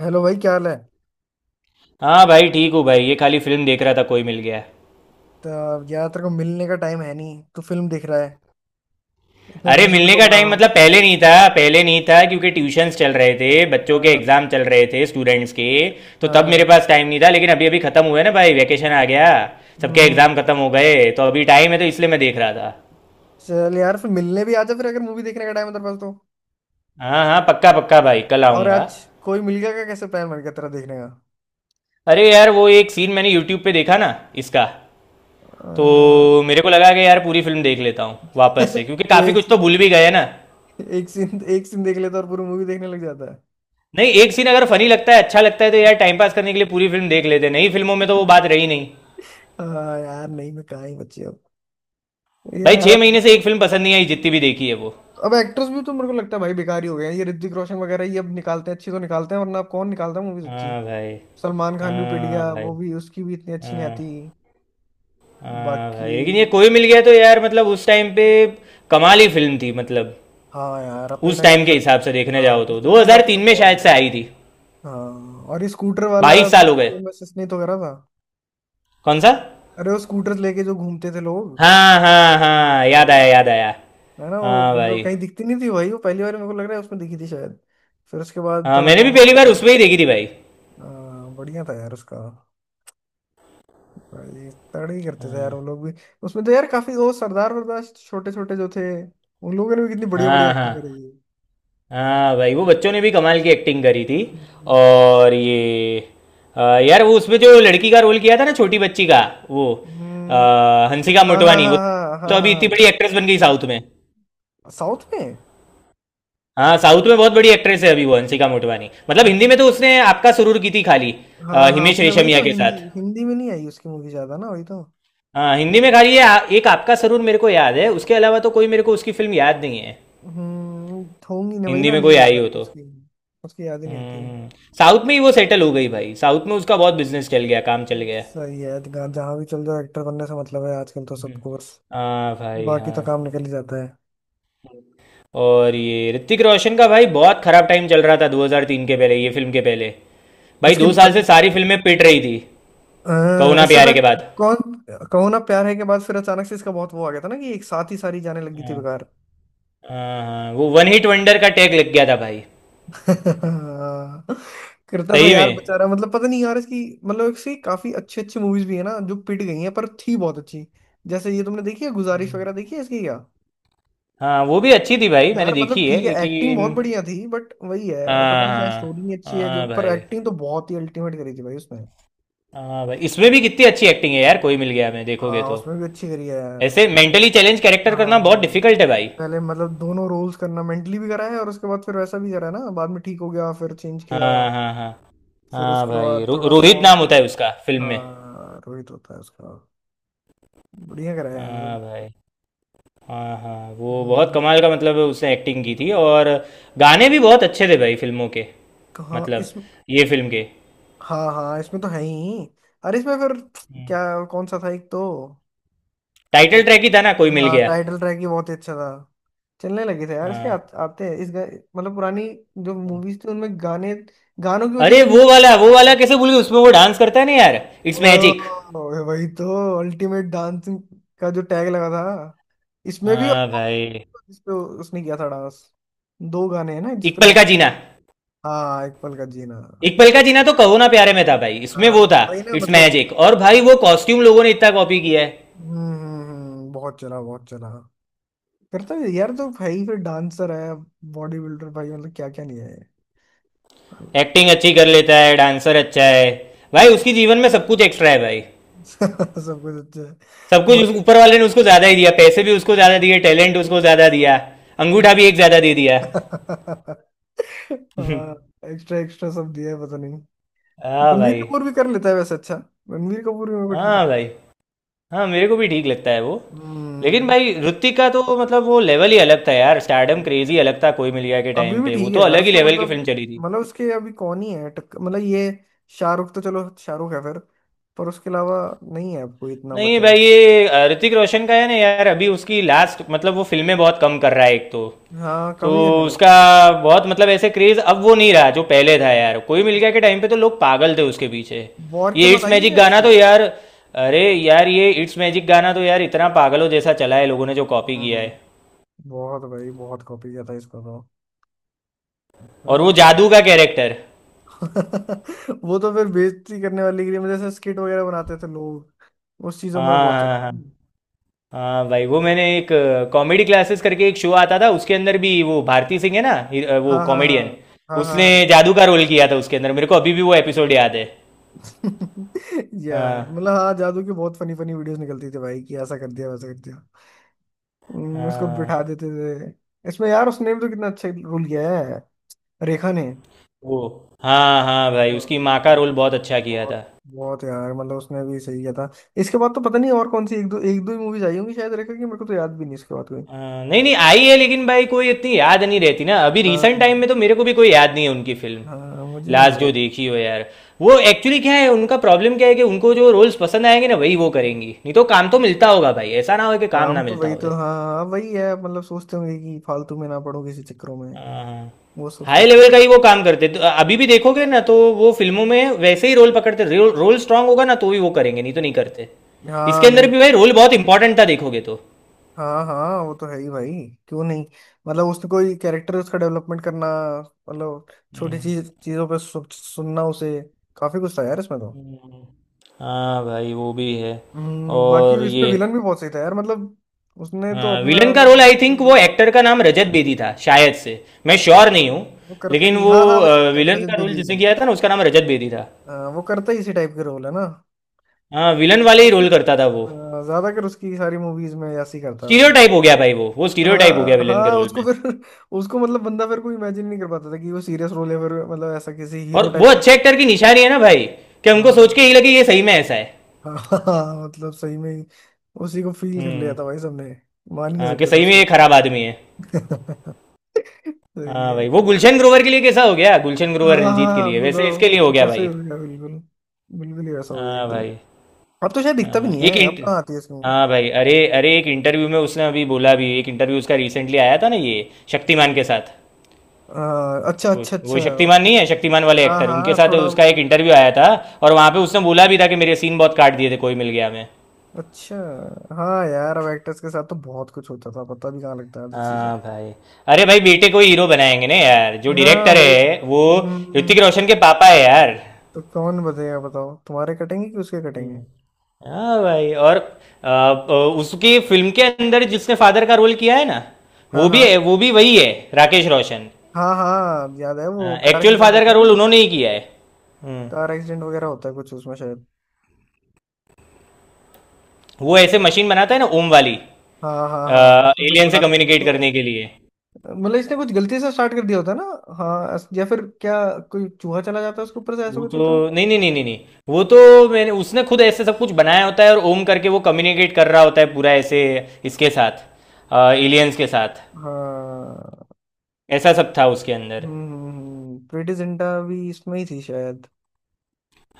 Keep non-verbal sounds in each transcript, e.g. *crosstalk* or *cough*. Hello भाई, क्या हाल है। हाँ भाई, ठीक हूँ भाई। ये खाली फिल्म देख रहा था, कोई मिल गया। तो यार, तेरे को मिलने का टाइम है नहीं, तू फिल्म देख रहा है। इतने अरे दिनों से तेरे मिलने को का बुला टाइम रहा हूँ। मतलब पहले नहीं था, पहले नहीं था क्योंकि ट्यूशन्स चल रहे थे, बच्चों के हाँ। एग्जाम चल रहे थे, स्टूडेंट्स के। तो तब मेरे हाँ। पास टाइम नहीं था, लेकिन अभी अभी खत्म हुआ है ना भाई, वैकेशन आ गया। सबके हम्म। एग्जाम खत्म हो गए तो अभी टाइम है, तो इसलिए मैं देख रहा था। चल यार, फिर मिलने भी आ जा फिर, अगर मूवी देखने का टाइम है तेरे पास तो। हाँ हाँ, पक्का पक्का भाई, कल और आऊँगा। आज कोई मिल गया क्या, कैसे प्लान बन गया तेरा देखने का। अरे यार, वो एक सीन मैंने यूट्यूब पे देखा ना इसका, अ, तो मेरे को लगा कि यार पूरी फिल्म देख लेता हूँ वापस से, *laughs* क्योंकि तो काफ़ी एक कुछ तो भूल भी गए ना। एक सीन, देख लेता और पूरी मूवी देखने लग जाता है। नहीं, एक सीन अगर फनी लगता है, अच्छा लगता है, तो यार टाइम पास करने के लिए पूरी फिल्म देख लेते हैं। नई फिल्मों में तो वो बात रही नहीं हाँ यार, नहीं मैं कहाँ ही बची अब। भाई। यार अब 6 महीने से एक फिल्म पसंद नहीं आई, जितनी भी देखी है वो। अब एक्टर्स भी तो मेरे को लगता है भाई बेकार ही हो गए हैं। ये ऋतिक रोशन वगैरह ये अब निकालते हैं अच्छी, तो निकालते हैं, वरना अब कौन निकालता है मूवीज अच्छी। हाँ भाई। सलमान खान भी पिट हाँ गया, भाई। वो भी, उसकी भी इतनी अच्छी नहीं हाँ आती। हाँ बाकी भाई, लेकिन ये कोई मिल गया तो यार मतलब उस टाइम पे कमाल ही फिल्म थी, मतलब हाँ यार, अपने उस टाइम के टाइम के हिसाब, हिसाब से देखने हाँ जाओ उस तो टाइम के हिसाब से तो 2003 में बहुत शायद से बढ़िया है। आई थी। हाँ, और ये स्कूटर वाला बाईस भी साल हो गए। फेमस इसने तो करा था। कौन सा? अरे वो स्कूटर लेके जो घूमते थे लोग। हाँ हाँ ओ हाँ, भाई, याद आया याद आया। है ना वो, हाँ मतलब भाई। कहीं दिखती नहीं थी भाई, वो पहली बार मेरे को लग रहा है उसमें दिखी थी शायद। फिर उसके बाद हाँ, थोड़ा मैंने भी कॉमन पहली हो बार गया। उसमें ही देखी थी भाई। हाँ, बढ़िया था यार उसका। भाई तगड़े ही करते थे यार वो लोग भी। उसमें तो यार काफी वो सरदार वरदार छोटे छोटे जो थे, उन लोगों ने भी कितनी बढ़िया बढ़िया हाँ हाँ। एक्टिंग करी थी। हाँ भाई, वो बच्चों ने भी कमाल की एक्टिंग करी थी। हम्म। और ये यार वो उसमें जो लड़की का रोल किया था ना, छोटी बच्ची का, वो हंसिका हाँ हाँ मोटवानी, हाँ वो हाँ तो हाँ अभी इतनी हाँ। बड़ी एक्ट्रेस बन गई साउथ में। हाँ। साउथ में। हाँ साउथ में बहुत बड़ी एक्ट्रेस है अभी वो, हंसिका मोटवानी। मतलब हिंदी अच्छा, में तो उसने आपका सुरूर की थी खाली, हाँ हाँ, हिमेश उसने वही रेशमिया तो, के हिंदी साथ। हिंदी में नहीं आई उसकी मूवी ज्यादा ना, वही तो। हाँ हिंदी में खाली ये एक आपका सरूर मेरे को याद है, उसके अलावा तो कोई मेरे को उसकी फिल्म याद नहीं है। हम्म, होंगी नहीं, वही हिंदी ना, में नहीं कोई याद आई हो आती तो। उसकी। उसकी याद ही नहीं आती। हम्म साउथ में ही वो सेटल हो गई भाई, साउथ में उसका बहुत बिजनेस चल गया, काम चल गया। सही है, जहाँ जहाँ भी चल जाओ, एक्टर बनने से मतलब है आजकल तो *laughs* हम्म, सबको बस। हाँ भाई बाकी हाँ। तो काम निकल ही जाता है। और ये ऋतिक रोशन का भाई बहुत खराब टाइम चल रहा था 2003 के पहले, ये फिल्म के पहले। भाई इसके 2 साल प, से सारी फिल्में पिट रही थी, कहो ना इससे प्यारे के पहले बाद। कौन। कहो ना प्यार है के बाद फिर अचानक से इसका बहुत वो आ गया था ना, कि एक साथ ही सारी जाने लगी थी हाँ बेकार। हाँ हाँ, वो वन हिट वंडर का टैग लग गया था भाई। *laughs* करता तो सही यार में। बेचारा, मतलब पता नहीं यार इसकी, मतलब इसकी काफी अच्छी अच्छी मूवीज भी है ना जो पिट गई हैं, पर थी बहुत अच्छी। जैसे ये तुमने देखी है गुजारिश हम्म। वगैरह, देखी है इसकी क्या। हाँ वो भी अच्छी थी भाई, मैंने यार मतलब देखी है ठीक है, एक्टिंग लेकिन। बहुत बढ़िया थी, बट वही है, पता हाँ नहीं चाहे हाँ। स्टोरी नहीं अच्छी है जो, हाँ पर भाई। एक्टिंग तो बहुत ही अल्टीमेट करी थी भाई उसमें। हाँ भाई, इसमें भी कितनी अच्छी एक्टिंग है यार कोई मिल गया, मैं देखोगे हाँ, तो। उसमें भी अच्छी करी है यार ऐसे मेंटली चैलेंज कैरेक्टर हाँ। करना बहुत हम्म। डिफिकल्ट है भाई। पहले मतलब दोनों रोल्स करना, मेंटली भी करा है और उसके बाद फिर वैसा भी करा है ना, बाद में ठीक हो गया, फिर चेंज हाँ किया। हाँ। हाँ फिर हाँ उसके भाई। बाद थोड़ा रोहित स्ट्रांग। नाम होता है उसका फिल्म में। हाँ, रोहित होता है उसका। बढ़िया कराया हाँ यार। भाई। हाँ हाँ वो बहुत हम्म, कमाल का, मतलब उसने एक्टिंग की थी। और गाने भी बहुत अच्छे थे भाई फिल्मों के, कहाँ मतलब इस, ये फिल्म के। हाँ हाँ इसमें तो है ही। अरे इसमें फिर हम्म। क्या, कौन सा था एक तो। टाइटल एक, ट्रैक ही था ना कोई मिल हाँ, गया। टाइटल ट्रैक ही बहुत ही अच्छा था। चलने लगे थे यार इसके हाँ। आते हैं इस मतलब पुरानी जो मूवीज थी उनमें गाने, गानों की वजह अरे से भी। वो वाला कैसे भूल गए, उसमें वो डांस करता है ना यार, इट्स मैजिक। ओह, वही तो अल्टीमेट डांसिंग का जो टैग लगा था इसमें भी, और हाँ भाई। इसपे उसने किया था डांस, दो गाने हैं ना एक जिसपे। पल का जीना। हाँ एक पल का जीना। एक पल का जीना तो कहो ना प्यारे में था भाई, इसमें हाँ वो हाँ था वही ना इट्स मतलब। मैजिक। और भाई वो कॉस्ट्यूम लोगों ने इतना कॉपी किया है। बहुत चला, बहुत चला करता है यार, तो भाई फिर डांसर है, बॉडी बिल्डर भाई, मतलब क्या क्या नहीं है ये। एक्टिंग अच्छी कर लेता है, डांसर अच्छा है, भाई उसकी *laughs* जीवन में सब कुछ एक्स्ट्रा है भाई। सब कुछ अच्छा है बाकी। ऊपर वाले ने उसको ज्यादा ही दिया, पैसे भी उसको ज्यादा दिए, टैलेंट उसको ज्यादा दिया, अंगूठा भी एक ज्यादा दे दिया। एक्स्ट्रा एक्स्ट्रा *laughs* सब दिया है पता नहीं। हाँ *laughs* रणबीर भाई। कपूर भी कर लेता है वैसे अच्छा। रणबीर कपूर भी मेरे को ठीक हाँ लगता भाई। हाँ मेरे को भी ठीक लगता है वो। है। लेकिन भाई ऋतिक का तो मतलब वो लेवल ही अलग था यार, स्टारडम हम्म, क्रेजी अलग था। कोई मिल गया के अभी टाइम भी पे वो ठीक तो है यार अलग ही उसका, लेवल की मतलब, फिल्म चली थी। मतलब उसके अभी कौन ही है टक्कर, मतलब ये शाहरुख तो चलो शाहरुख है फिर, पर उसके अलावा नहीं है, आपको इतना नहीं बचा। भाई ये ऋतिक रोशन का है ना यार, अभी उसकी लास्ट मतलब वो फिल्में बहुत कम कर रहा है एक तो। हाँ, तो कम ही करने लग गया उसका बहुत। बहुत मतलब ऐसे क्रेज अब वो नहीं रहा जो पहले था यार। कोई मिल गया के टाइम पे तो लोग पागल थे उसके पीछे। वॉर के ये बाद इट्स आई है मैजिक क्या गाना इसकी। तो यार, अरे यार ये इट्स मैजिक गाना तो यार इतना पागलों जैसा चला है, लोगों ने जो कॉपी किया है। हम्म, बहुत भाई, बहुत कॉपी किया था इसको तो। और वो मैं जादू का कैरेक्टर। *laughs* वो तो फिर बेइज्जती करने वाली के लिए, मतलब जैसे स्किट वगैरह बनाते थे लोग, उस चीजों हाँ में बहुत चला हाँ था। हाँ हाँ। हाँ भाई वो मैंने एक कॉमेडी क्लासेस करके एक शो आता था, उसके अंदर भी वो भारती सिंह है ना, वो हाँ हाँ हाँ कॉमेडियन, हाँ हाँ उसने हाँ। जादू का रोल किया था। उसके अंदर मेरे को अभी भी वो एपिसोड याद है। *laughs* यार हाँ मतलब हाँ, जादू की बहुत फनी फनी वीडियोस निकलती थी भाई, कि ऐसा कर दिया वैसा कर दिया। उसको बिठा हाँ। देते थे। इसमें यार उसने भी तो कितना अच्छा रोल किया है, रेखा ने। ओ। हाँ हाँ भाई, उसकी हाँ, माँ का रोल बहुत अच्छा किया बहुत, था। बहुत यार मतलब उसने भी सही किया था। इसके बाद तो पता नहीं और कौन सी, एक दो ही मूवीज आई होंगी शायद रेखा की, मेरे को तो याद भी नहीं इसके बाद कोई। नहीं नहीं आई है, लेकिन भाई कोई इतनी याद नहीं रहती ना, अभी हाँ, रिसेंट टाइम में तो मेरे को भी कोई याद नहीं है उनकी फिल्म। हाँ मुझे भी नहीं लास्ट जो भाई। देखी हो यार। वो एक्चुअली क्या है, उनका प्रॉब्लम क्या है कि उनको जो रोल्स पसंद आएंगे ना, वही वो करेंगी, नहीं तो काम तो मिलता होगा भाई, ऐसा ना हो कि काम काम ना तो मिलता वही तो, होवे। हाँ हाँ वही है, मतलब सोचते होंगे कि फालतू में ना पड़ो किसी चक्करों में। हाँ। वो सब हाई सोचता लेवल का हूँ। ही वो काम करते, तो अभी भी देखोगे ना तो वो फिल्मों में वैसे ही रोल पकड़ते, रोल रोल स्ट्रांग होगा ना तो भी वो करेंगे, नहीं तो नहीं करते। हाँ इसके अंदर नहीं, भी भाई रोल बहुत इंपॉर्टेंट था, देखोगे तो। हाँ हाँ वो तो है ही भाई, क्यों नहीं। मतलब उसने कोई कैरेक्टर, उसका डेवलपमेंट करना, मतलब छोटी चीज चीजों पे सुनना उसे, काफी कुछ था यार इसमें तो। हाँ भाई वो भी है। बाकी और इसमें ये विलन भी बहुत सही था यार, मतलब उसने तो हाँ, अपना विलन का मतलब रोल, आई थिंक villain वो एक्टर का नाम रजत बेदी था शायद से, मैं श्योर हाँ, नहीं हूँ। वो करता लेकिन ही, वो हाँ हाँ भाई विलन छात्रजन का रोल बेजी का। जिसने किया था ना, उसका नाम रजत बेदी था। हाँ, वो करता ही इसी टाइप के रोल है ना। हाँ विलन वाले ही उसके रोल करता था वो। अ, ज्यादातर उसकी सारी मूवीज में ऐसे ही करता है वो। स्टीरियोटाइप हो गया भाई, वो स्टीरियोटाइप हो हाँ गया विलन के हाँ, रोल उसको में। फिर *laughs* उसको मतलब बंदा फिर कोई इमेजिन नहीं कर पाता था कि वो सीरियस रोल है फिर, मतलब ऐसा किसी हीरो और वो टाइप का। अच्छे एक्टर की निशानी है ना भाई, कि हमको सोच हाँ, के ही लगे ये सही में ऐसा है। हाँ *laughs* हाँ, मतलब सही में ही उसी को फील कर लिया हम्म। था भाई सबने। मान ही नहीं हाँ, कि सकते थे सही में उसको ये अच्छा। खराब आदमी है। *laughs* सही हाँ है। भाई, वो गुलशन ग्रोवर के लिए कैसा हो गया, गुलशन ग्रोवर हाँ रंजीत के हाँ, लिए, वैसे इसके लिए हो बताओ गया वैसे ही भाई। हो गया, बिल्कुल, बिल्कुल ही वैसा हो गया हाँ एकदम। भाई। अब तो शायद दिखता भी अ, नहीं एक है, अब इंट कहाँ आती है इसमें movie? हाँ भाई, अरे अरे एक इंटरव्यू में उसने अभी बोला भी, एक इंटरव्यू उसका रिसेंटली आया था ना, ये शक्तिमान के साथ। अच्छा वो अच्छा वो अच्छा शक्तिमान okay. नहीं है, शक्तिमान वाले हाँ एक्टर, उनके हाँ साथ थोड़ा वो उसका एक भी इंटरव्यू आया था। और वहाँ पे उसने बोला भी था कि मेरे सीन बहुत काट दिए थे कोई मिल गया मैं अच्छा। हाँ यार, अब एक्टर्स के साथ तो बहुत कुछ होता था, पता भी कहाँ लगता है आधी चीजें। हाँ भाई। अरे भाई बेटे को हीरो बनाएंगे ना यार जो हाँ डायरेक्टर भाई, है वो, ऋतिक रोशन के पापा है यार। तो कौन बताएगा बताओ, तुम्हारे कटेंगे कि उसके कटेंगे। हाँ भाई। और उसकी फिल्म के अंदर जिसने फादर का रोल किया है ना, हाँ वो भी हाँ, है, वो भी वही है, राकेश रोशन। हाँ हाँ याद है, वो कार एक्चुअल एक्सीडेंट फादर होता का है ना रोल कुछ, उन्होंने ही किया है। हम्म। कार एक्सीडेंट वगैरह होता है कुछ उसमें शायद। वो ऐसे मशीन बनाता है ना, ओम वाली, हाँ हाँ हाँ, उसमें फिर एलियन से बुलाते हैं कम्युनिकेट जिसको। करने के लिए। मतलब इसने कुछ गलती से स्टार्ट कर दिया होता है ना, या फिर क्या, कोई चूहा चला जाता है उसके ऊपर से, ऐसा वो कुछ होता है। तो नहीं नहीं नहीं नहीं नहीं। वो तो मैंने उसने खुद ऐसे सब कुछ बनाया होता है, और ओम करके वो कम्युनिकेट कर रहा होता है पूरा ऐसे, इसके साथ, एलियंस के साथ। हाँ। ऐसा सब था उसके अंदर। प्रीति जिंटा भी इसमें ही थी शायद।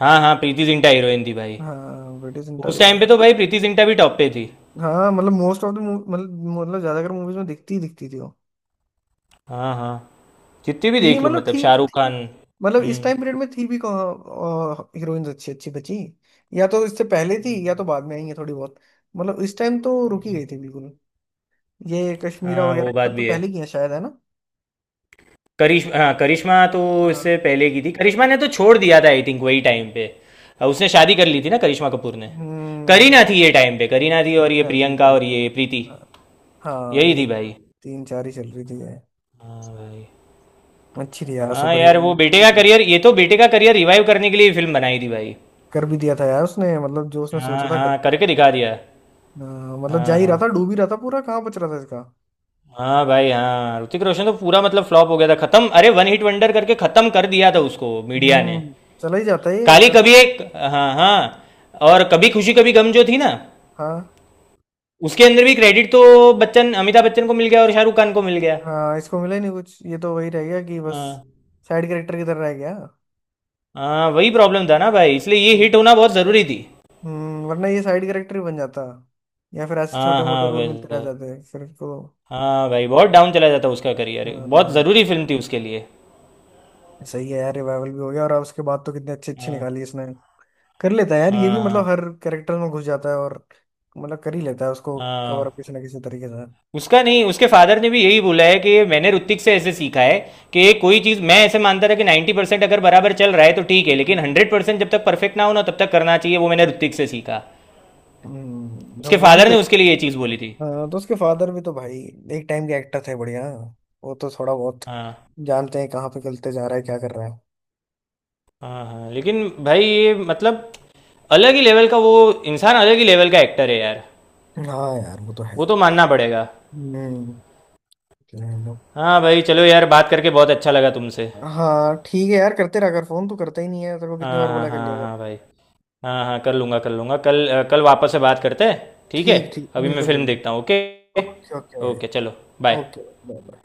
हाँ हाँ, प्रीति जिंटा हीरोइन थी भाई। हाँ, ब्रिटिश सेंटा उस भी टाइम पे यार। तो भाई प्रीति जिंटा भी टॉप पे थी। हाँ, मतलब मोस्ट ऑफ द, मतलब, मतलब ज्यादातर मूवीज में दिखती ही दिखती थी वो। हाँ हाँ। जितनी भी थी देख लो, मतलब, मतलब थी शाहरुख थी खान। मतलब, इस हम्म। टाइम पीरियड में थी भी कहाँ हीरोइंस अच्छी अच्छी बची। या तो इससे पहले थी या तो बाद में आई है थोड़ी बहुत, मतलब इस टाइम तो रुकी गई थी बिल्कुल। ये कश्मीरा हाँ वगैरह वो ये बात सब तो भी है। पहले की है शायद, है ना। करिश हाँ, करिश्मा तो हाँ। इससे पहले की थी। करिश्मा ने तो छोड़ दिया था आई थिंक वही टाइम पे, उसने शादी कर ली थी ना करिश्मा कपूर ने। हम्म। करीना थी ये टाइम पे, करीना थी और ये करीना थी, प्रियंका और करीना ये थी। प्रीति, हाँ हाँ यही ये, थी भाई। तीन चार ही चल रही थी ये। हाँ भाई। अच्छी थी यार हाँ सुपर यार, हीरो। वो बेटे का करियर, ये तो बेटे का करियर रिवाइव करने के लिए फिल्म बनाई थी भाई। कर भी दिया था यार उसने, मतलब जो उसने सोचा हाँ था कर। हाँ करके दिखा दिया। हाँ, मतलब जा हाँ ही रहा हाँ। था, डूब ही रहा था पूरा, कहाँ बच रहा था इसका। हाँ भाई हाँ, ऋतिक रोशन तो पूरा मतलब फ्लॉप हो गया था, खत्म, अरे वन हिट वंडर करके खत्म कर दिया था उसको मीडिया ने। हम्म, चला ही जाता है, ये काली चला। कभी एक हाँ हाँ, और कभी खुशी कभी गम जो थी ना, हाँ उसके अंदर भी क्रेडिट तो बच्चन अमिताभ बच्चन को मिल गया और शाहरुख खान को मिल गया। हाँ इसको मिला ही नहीं कुछ, ये तो वही रह गया कि बस हाँ साइड कैरेक्टर की तरह रह गया। हाँ, वही प्रॉब्लम था ना भाई, इसलिए ये हिट होना बहुत ज़रूरी थी। हम्म, वरना ये साइड कैरेक्टर ही बन जाता, या फिर ऐसे छोटे हाँ मोटे हाँ रोल मिलते रह वैसे- जाते हैं फिर इसको। हाँ भाई, बहुत डाउन चला जाता उसका करियर, हाँ, बहुत ज़रूरी फिल्म थी उसके लिए। सही है यार, रिवाइवल भी हो गया और अब उसके बाद तो कितने अच्छे अच्छे हाँ निकाली इसने। कर लेता है यार ये भी, हाँ मतलब हर हाँ कैरेक्टर में घुस जाता है और मतलब कर ही लेता है उसको कवर हाँ। अप किसी ना किसी तरीके से। उसका नहीं, उसके फादर ने भी यही बोला है कि मैंने ऋतिक से ऐसे सीखा है, कि कोई चीज़ मैं ऐसे मानता था कि 90% परसेंट अगर बराबर चल रहा है तो ठीक है, लेकिन 100% जब तक परफेक्ट ना हो ना तब तक करना चाहिए, वो मैंने ऋतिक से सीखा। तो उसके वो भी फादर तो, ने उसके लिए ये चीज़ बोली थी। हाँ, तो उसके फादर भी तो भाई एक टाइम के एक्टर थे बढ़िया, वो तो थोड़ा बहुत हाँ जानते हैं कहाँ पे गलते जा रहा है क्या कर रहा है। हाँ हाँ, लेकिन भाई ये मतलब अलग ही लेवल का वो इंसान, अलग ही लेवल का एक्टर है यार। हाँ यार वो तो है वो ही। तो मानना पड़ेगा। हम्म। चलो। हाँ भाई चलो यार, बात करके बहुत अच्छा लगा तुमसे। हाँ ठीक है यार, करते रहा कर फोन, तू करता ही नहीं है, तेरे को कितनी हाँ बार हाँ बोला कर लिया हाँ कर। हाँ भाई। हाँ हाँ, कर लूँगा कल, कल वापस से बात करते हैं, ठीक है। ठीक ठीक, अभी मैं बिल्कुल फिल्म बिल्कुल। देखता हूँ, ओके। ओके ओके भाई। ओके चलो। बाय। Okay bye bye.